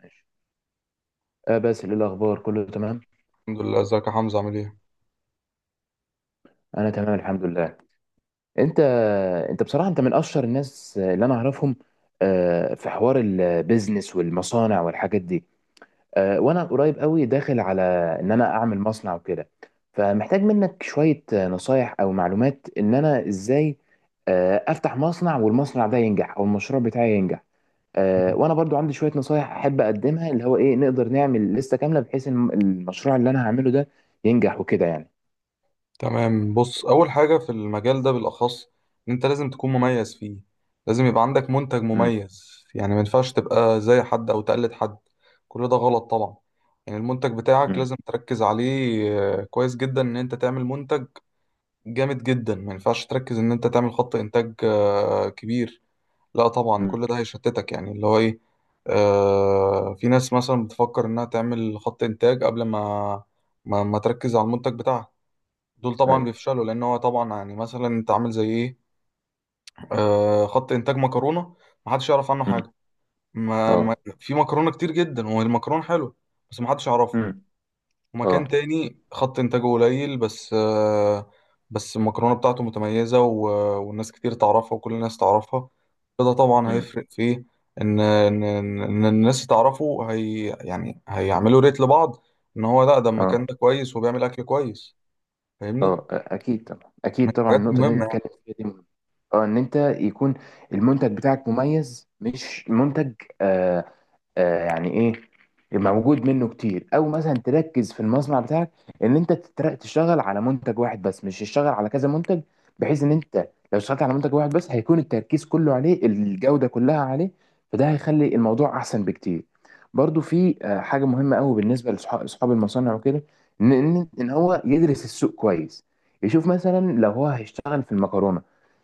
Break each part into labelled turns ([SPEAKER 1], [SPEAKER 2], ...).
[SPEAKER 1] ماشي. آه باسل، ايه الاخبار؟ كله تمام.
[SPEAKER 2] الحمد لله، ازيك يا حمزة؟ عامل ايه؟
[SPEAKER 1] انا تمام الحمد لله. انت انت. بصراحه انت من اشهر الناس اللي انا اعرفهم، في حوار البيزنس والمصانع والحاجات دي. وانا قريب قوي داخل على ان انا اعمل مصنع وكده، فمحتاج منك شويه نصايح او معلومات ان انا ازاي افتح مصنع والمصنع ده ينجح او المشروع بتاعي ينجح.
[SPEAKER 2] مم.
[SPEAKER 1] وانا برضو عندي شويه نصايح احب اقدمها، اللي هو ايه، نقدر نعمل لسته كامله بحيث إن المشروع اللي انا هعمله ده ينجح وكده يعني.
[SPEAKER 2] تمام، بص أول حاجة في المجال ده بالأخص إن أنت لازم تكون مميز فيه. لازم يبقى عندك منتج مميز، يعني ما ينفعش تبقى زي حد أو تقلد حد. كل ده غلط طبعا. يعني المنتج بتاعك
[SPEAKER 1] امم.
[SPEAKER 2] لازم تركز عليه. كويس جدا إن أنت تعمل منتج جامد جدا. ما ينفعش تركز إن أنت تعمل خط إنتاج كبير. لا طبعا،
[SPEAKER 1] امم.
[SPEAKER 2] كل ده هيشتتك، يعني اللي هو ايه. في ناس مثلا بتفكر انها تعمل خط انتاج قبل ما ما تركز على المنتج بتاعها. دول طبعا
[SPEAKER 1] ايوه.
[SPEAKER 2] بيفشلوا، لان هو طبعا يعني مثلا انت عامل زي ايه؟ خط انتاج مكرونه، محدش يعرف عنه
[SPEAKER 1] امم.
[SPEAKER 2] حاجه. ما,
[SPEAKER 1] اه.
[SPEAKER 2] ما في مكرونه كتير جدا والمكرونه حلوه، بس محدش يعرفها.
[SPEAKER 1] امم. اه.
[SPEAKER 2] ومكان تاني خط إنتاجه قليل، بس المكرونة بتاعته متميزة والناس كتير تعرفها وكل الناس تعرفها. فده طبعا
[SPEAKER 1] امم.
[SPEAKER 2] هيفرق فيه. إن الناس تعرفه، هي يعني هيعملوا ريت لبعض، إن هو لا ده
[SPEAKER 1] اه.
[SPEAKER 2] المكان ده كويس وبيعمل أكل كويس. فاهمني؟
[SPEAKER 1] اه، اكيد طبعا،
[SPEAKER 2] من
[SPEAKER 1] اكيد طبعا،
[SPEAKER 2] الحاجات
[SPEAKER 1] النقطه اللي
[SPEAKER 2] المهمة
[SPEAKER 1] انت
[SPEAKER 2] يعني.
[SPEAKER 1] بتتكلم فيها دي مهمة. اه، ان انت يكون المنتج بتاعك مميز، مش منتج آه يعني ايه يبقى موجود منه كتير، او مثلا تركز في المصنع بتاعك ان انت تشتغل على منتج واحد بس، مش تشتغل على كذا منتج، بحيث ان انت لو اشتغلت على منتج واحد بس هيكون التركيز كله عليه، الجودة كلها عليه، فده هيخلي الموضوع احسن بكتير. برضو في حاجة مهمة قوي بالنسبة لاصحاب المصانع وكده، ان إن هو يدرس السوق كويس، يشوف مثلا لو هو هيشتغل في المكرونة،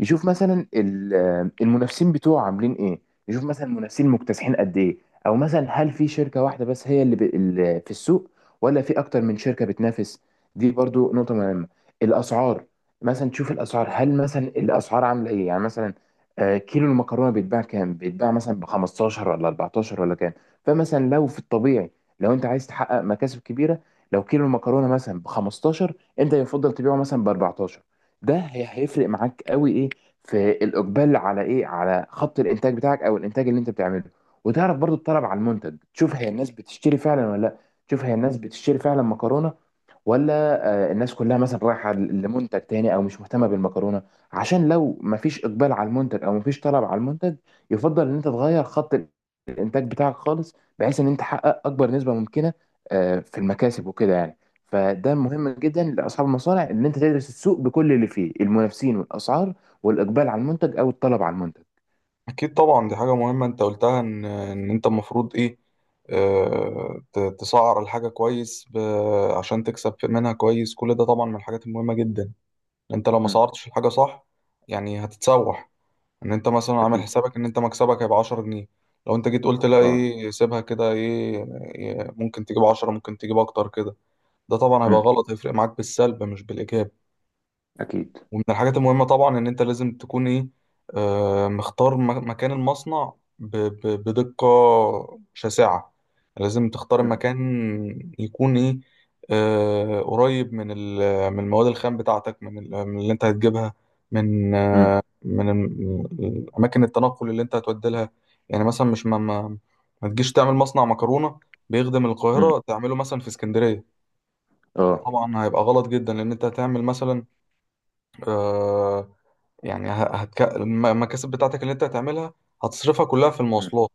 [SPEAKER 1] يشوف مثلا المنافسين بتوعه عاملين ايه، يشوف مثلا المنافسين مكتسحين قد ايه، او مثلا هل في شركه واحده بس هي اللي في السوق، ولا في اكتر من شركه بتنافس. دي برضو نقطه مهمه. الاسعار، مثلا تشوف الاسعار، هل مثلا الاسعار عامله ايه؟ يعني مثلا كيلو المكرونه بيتباع كام؟ بيتباع مثلا ب 15 ولا 14 ولا كام؟ فمثلا لو في الطبيعي، لو انت عايز تحقق مكاسب كبيره، لو كيلو المكرونه مثلا ب 15، انت يفضل تبيعه مثلا ب 14. ده هيفرق معاك قوي ايه، في الاقبال على ايه، على خط الانتاج بتاعك او الانتاج اللي انت بتعمله. وتعرف برضو الطلب على المنتج، تشوف هي الناس بتشتري فعلا ولا لا، تشوف هي الناس بتشتري فعلا مكرونه، ولا الناس كلها مثلا رايحه لمنتج تاني او مش مهتمه بالمكرونه. عشان لو مفيش اقبال على المنتج او مفيش طلب على المنتج، يفضل ان انت تغير خط الانتاج بتاعك خالص، بحيث ان انت تحقق اكبر نسبه ممكنه في المكاسب وكده يعني. فده مهم جدا لاصحاب المصانع ان انت تدرس السوق بكل اللي فيه، المنافسين والاسعار والاقبال على المنتج او الطلب على المنتج.
[SPEAKER 2] أكيد طبعا دي حاجة مهمة أنت قلتها، إن أنت المفروض إيه، آه، تسعر الحاجة كويس، عشان تكسب منها كويس. كل ده طبعا من الحاجات المهمة جدا. انت لو ما
[SPEAKER 1] مم.
[SPEAKER 2] صورتش الحاجة صح، يعني هتتسوح. ان انت مثلا عامل
[SPEAKER 1] اكيد.
[SPEAKER 2] حسابك ان انت مكسبك هيبقى 10 جنيه، لو انت جيت قلت لا
[SPEAKER 1] اه
[SPEAKER 2] ايه سيبها كده ايه، ممكن تجيب 10، ممكن تجيب اكتر كده، ده طبعا هيبقى غلط، هيفرق معاك بالسلب مش بالايجاب.
[SPEAKER 1] اكيد.
[SPEAKER 2] ومن الحاجات المهمة طبعا إن أنت لازم تكون إيه، آه، مختار مكان المصنع بدقة شاسعة. لازم تختار
[SPEAKER 1] مم.
[SPEAKER 2] مكان يكون إيه، آه، قريب من من المواد الخام بتاعتك، من من اللي أنت هتجيبها، من آه،
[SPEAKER 1] مم.
[SPEAKER 2] من أماكن التنقل اللي أنت هتودي لها. يعني مثلا مش ما ما ما تجيش تعمل مصنع مكرونة بيخدم
[SPEAKER 1] مم.
[SPEAKER 2] القاهرة تعمله مثلا في اسكندرية. ده
[SPEAKER 1] اه.
[SPEAKER 2] طبعا هيبقى غلط جدا، لأن أنت هتعمل مثلا، آه، يعني المكاسب بتاعتك اللي انت هتعملها هتصرفها كلها في
[SPEAKER 1] مم.
[SPEAKER 2] المواصلات.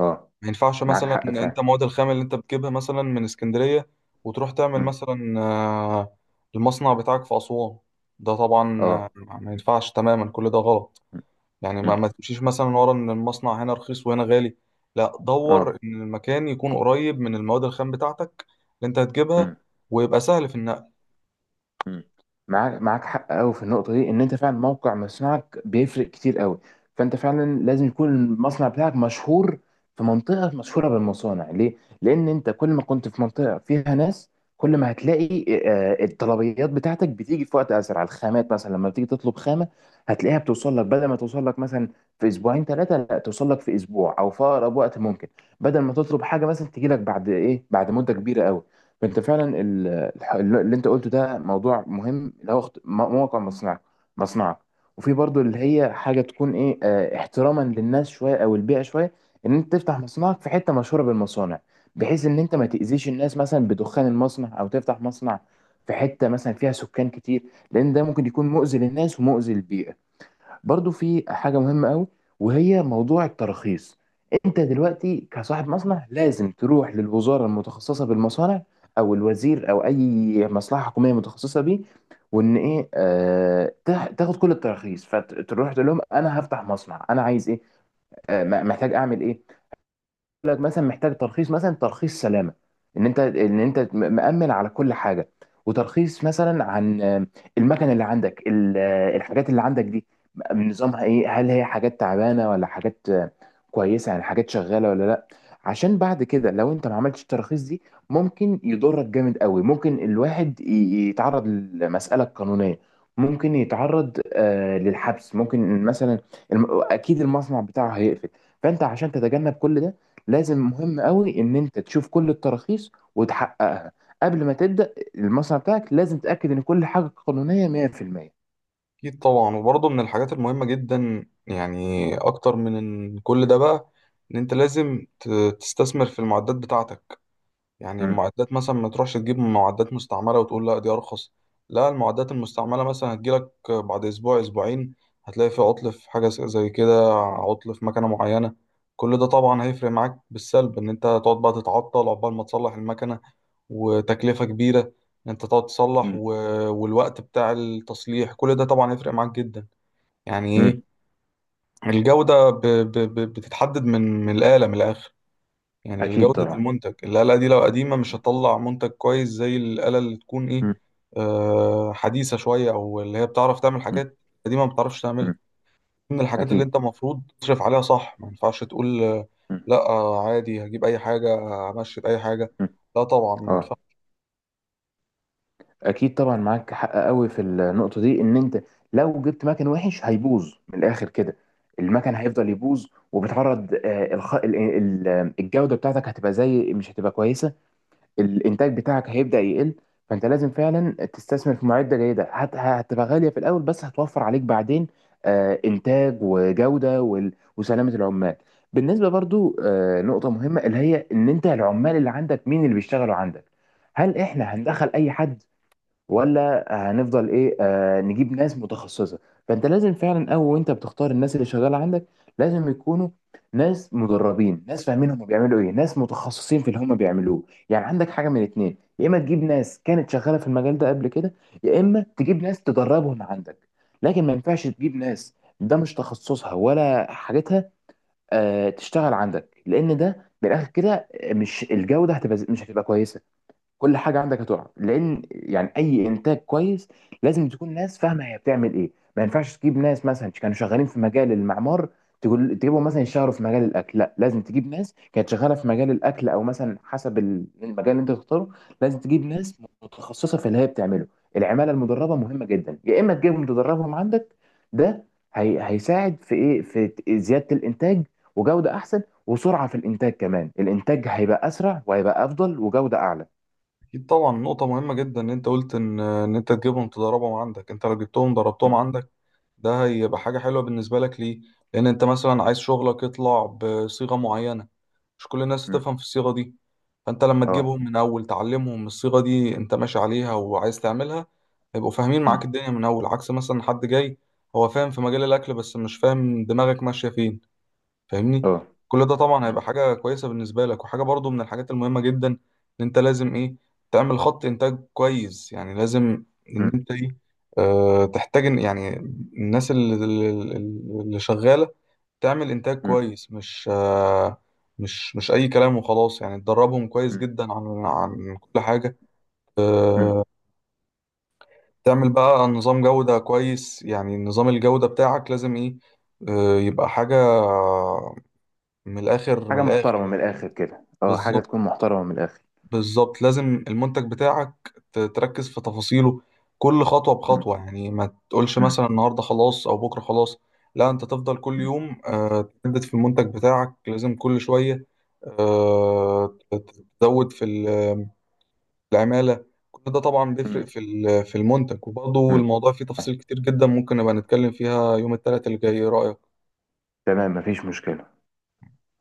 [SPEAKER 1] اه،
[SPEAKER 2] ما ينفعش
[SPEAKER 1] معاك
[SPEAKER 2] مثلا
[SPEAKER 1] حق
[SPEAKER 2] ان انت
[SPEAKER 1] فعلا.
[SPEAKER 2] مواد الخام اللي انت بتجيبها مثلا من اسكندرية، وتروح تعمل
[SPEAKER 1] مم.
[SPEAKER 2] مثلا، المصنع بتاعك في أسوان. ده طبعا
[SPEAKER 1] اه.
[SPEAKER 2] ما ينفعش تماما، كل ده غلط.
[SPEAKER 1] مم.
[SPEAKER 2] يعني ما,
[SPEAKER 1] مم.
[SPEAKER 2] ما تمشيش مثلا ورا ان المصنع هنا رخيص وهنا غالي. لا، دور
[SPEAKER 1] اه.
[SPEAKER 2] ان المكان يكون قريب من المواد الخام بتاعتك اللي انت هتجيبها
[SPEAKER 1] مم.
[SPEAKER 2] ويبقى سهل في النقل.
[SPEAKER 1] مم. معاك حق قوي في النقطه دي، ان انت فعلا موقع مصنعك بيفرق كتير قوي. فانت فعلا لازم يكون المصنع بتاعك مشهور في منطقه مشهوره بالمصانع، ليه؟ لان انت كل ما كنت في منطقه فيها ناس، كل ما هتلاقي الطلبيات بتاعتك بتيجي في وقت اسرع. الخامات مثلا لما بتيجي تطلب خامه، هتلاقيها بتوصل لك، بدل ما توصل لك مثلا في اسبوعين ثلاثه، لا توصل لك في اسبوع او في اقرب وقت ممكن، بدل ما تطلب حاجه مثلا تجي لك بعد ايه، بعد مده كبيره قوي. فانت فعلا اللي انت قلته ده موضوع مهم، اللي هو موقع مصنعك. وفي برضو اللي هي حاجه تكون ايه احتراما للناس شويه او البيئه شويه، ان انت تفتح مصنعك في حته مشهوره بالمصانع، بحيث ان انت ما تاذيش الناس مثلا بدخان المصنع، او تفتح مصنع في حته مثلا فيها سكان كتير، لان ده ممكن يكون مؤذي للناس ومؤذي للبيئه. برضو في حاجة مهمة قوي، وهي موضوع الترخيص. انت دلوقتي كصاحب مصنع لازم تروح للوزارة المتخصصة بالمصانع، او الوزير، او اي مصلحة حكومية متخصصة بيه، وان ايه تاخد كل التراخيص. فتروح تقول لهم انا هفتح مصنع، انا عايز ايه، محتاج اعمل ايه لك، مثلا محتاج ترخيص، مثلا ترخيص سلامه، ان انت ان انت مأمن على كل حاجه، وترخيص مثلا عن المكنه اللي عندك، الحاجات اللي عندك دي نظامها ايه، هل هي حاجات تعبانه ولا حاجات كويسه يعني، حاجات شغاله ولا لا. عشان بعد كده لو انت ما عملتش التراخيص دي ممكن يضرك جامد قوي، ممكن الواحد يتعرض لمساله قانونيه، ممكن يتعرض للحبس، ممكن مثلا اكيد المصنع بتاعه هيقفل. فانت عشان تتجنب كل ده، لازم مهم قوي ان انت تشوف كل التراخيص وتحققها قبل ما تبدا المصنع بتاعك. لازم تتاكد ان كل حاجه قانونيه 100%.
[SPEAKER 2] أكيد طبعا، وبرضه من الحاجات المهمة جدا، يعني أكتر من إن كل ده بقى، إن أنت لازم تستثمر في المعدات بتاعتك. يعني
[SPEAKER 1] امم.
[SPEAKER 2] المعدات مثلا ما تروحش تجيب معدات مستعملة وتقول لا دي أرخص. لا، المعدات المستعملة مثلا هتجيلك بعد أسبوع أسبوعين، هتلاقي في عطل، في حاجة زي كده، عطل في مكنة معينة. كل ده طبعا هيفرق معاك بالسلب، إن أنت هتقعد بقى تتعطل عقبال ما تصلح المكنة، وتكلفة كبيرة، إن أنت تقعد تصلح
[SPEAKER 1] مم.
[SPEAKER 2] والوقت بتاع التصليح، كل ده طبعا هيفرق معاك جدا. يعني
[SPEAKER 1] امم.
[SPEAKER 2] ايه، الجودة بتتحدد من الآلة، من الآخر. يعني
[SPEAKER 1] اكيد
[SPEAKER 2] جودة
[SPEAKER 1] طبعا.
[SPEAKER 2] المنتج، الآلة دي لو قديمة مش
[SPEAKER 1] مم.
[SPEAKER 2] هتطلع منتج كويس زي الآلة اللي تكون ايه،
[SPEAKER 1] مم.
[SPEAKER 2] آه، حديثة شوية، أو اللي هي بتعرف تعمل
[SPEAKER 1] مم.
[SPEAKER 2] حاجات قديمة ما بتعرفش تعملها.
[SPEAKER 1] مم.
[SPEAKER 2] من الحاجات اللي أنت
[SPEAKER 1] اكيد.
[SPEAKER 2] المفروض تصرف عليها صح. ما ينفعش تقول،
[SPEAKER 1] مم.
[SPEAKER 2] لا، عادي هجيب أي حاجة، همشي بأي حاجة.
[SPEAKER 1] مم.
[SPEAKER 2] لا طبعا، ما
[SPEAKER 1] اه،
[SPEAKER 2] ينفعش.
[SPEAKER 1] اكيد طبعا، معاك حق قوي في النقطه دي، ان انت لو جبت مكن وحش هيبوظ من الاخر كده، المكن هيفضل يبوظ، وبتعرض الجوده بتاعتك هتبقى زي مش هتبقى كويسه، الانتاج بتاعك هيبدأ يقل. فانت لازم فعلا تستثمر في معدة جيدة، هتبقى غالية في الاول بس هتوفر عليك بعدين انتاج وجودة وسلامة العمال. بالنسبة برضو نقطة مهمة اللي هي ان انت العمال اللي عندك مين اللي بيشتغلوا عندك، هل احنا هندخل اي حد، ولا هنفضل ايه آه نجيب ناس متخصصه. فانت لازم فعلا اول وانت بتختار الناس اللي شغاله عندك، لازم يكونوا ناس مدربين، ناس فاهمين هم بيعملوا ايه، ناس متخصصين في اللي هم بيعملوه. يعني عندك حاجه من اتنين، يا اما تجيب ناس كانت شغاله في المجال ده قبل كده، يا اما تجيب ناس تدربهم عندك. لكن ما ينفعش تجيب ناس ده مش تخصصها ولا حاجتها تشتغل عندك، لان ده بالاخر كده مش الجوده هتبقى مش هتبقى كويسه، كل حاجه عندك هتقع. لان يعني اي انتاج كويس لازم تكون ناس فاهمه هي بتعمل ايه. ما ينفعش تجيب ناس مثلا كانوا شغالين في مجال المعمار تقول تجيبهم مثلا يشتغلوا في مجال الاكل، لا، لازم تجيب ناس كانت شغاله في مجال الاكل، او مثلا حسب المجال اللي انت تختاره، لازم تجيب ناس متخصصه في اللي هي بتعمله. العماله المدربه مهمه جدا، يا اما تجيبهم تدربهم عندك. ده هيساعد في ايه، في زياده الانتاج وجوده احسن وسرعه في الانتاج، كمان الانتاج هيبقى اسرع وهيبقى افضل وجوده اعلى.
[SPEAKER 2] اكيد طبعا، نقطة مهمة جدا ان انت قلت ان انت تجيبهم تدربهم عندك. انت لو جبتهم دربتهم عندك، ده هيبقى حاجة حلوة بالنسبة لك. ليه؟ لان انت مثلا عايز شغلك يطلع بصيغة معينة، مش كل الناس
[SPEAKER 1] مم.
[SPEAKER 2] تفهم في الصيغة دي. فانت لما
[SPEAKER 1] اه.
[SPEAKER 2] تجيبهم من اول تعلمهم الصيغة دي انت ماشي عليها وعايز تعملها، هيبقوا فاهمين معاك
[SPEAKER 1] مم.
[SPEAKER 2] الدنيا من اول، عكس مثلا حد جاي هو فاهم في مجال الاكل بس مش فاهم دماغك ماشية فين. فاهمني؟
[SPEAKER 1] اه.
[SPEAKER 2] كل ده طبعا
[SPEAKER 1] مم.
[SPEAKER 2] هيبقى حاجة كويسة بالنسبة لك. وحاجة برضو من الحاجات المهمة جدا ان انت لازم ايه، تعمل خط انتاج كويس. يعني لازم ان
[SPEAKER 1] مم.
[SPEAKER 2] انت ايه، اه، تحتاج يعني الناس اللي شغالة تعمل انتاج
[SPEAKER 1] مم.
[SPEAKER 2] كويس، مش اه، مش اي كلام وخلاص، يعني تدربهم كويس
[SPEAKER 1] مم.
[SPEAKER 2] جدا عن كل حاجة.
[SPEAKER 1] مم.
[SPEAKER 2] اه. تعمل بقى نظام جودة كويس، يعني نظام الجودة بتاعك لازم ايه، اه، يبقى حاجة من الآخر، من
[SPEAKER 1] حاجة
[SPEAKER 2] الآخر
[SPEAKER 1] محترمة من
[SPEAKER 2] يعني.
[SPEAKER 1] الآخر كده، اه، حاجة
[SPEAKER 2] بالظبط،
[SPEAKER 1] تكون محترمة من الآخر.
[SPEAKER 2] بالظبط. لازم المنتج بتاعك تركز في تفاصيله، كل خطوة بخطوة،
[SPEAKER 1] مم.
[SPEAKER 2] يعني ما تقولش
[SPEAKER 1] مم.
[SPEAKER 2] مثلا النهاردة خلاص أو بكرة خلاص. لا، أنت تفضل كل
[SPEAKER 1] مم.
[SPEAKER 2] يوم، آه، تجدد في المنتج بتاعك، لازم كل شوية، آه، تزود في العمالة. كل ده طبعا بيفرق
[SPEAKER 1] مم.
[SPEAKER 2] في في المنتج. وبرضه
[SPEAKER 1] مم.
[SPEAKER 2] الموضوع فيه تفاصيل كتير جدا، ممكن نبقى نتكلم فيها يوم الثلاث اللي جاي. إيه رأيك؟
[SPEAKER 1] تمام، مفيش مشكلة.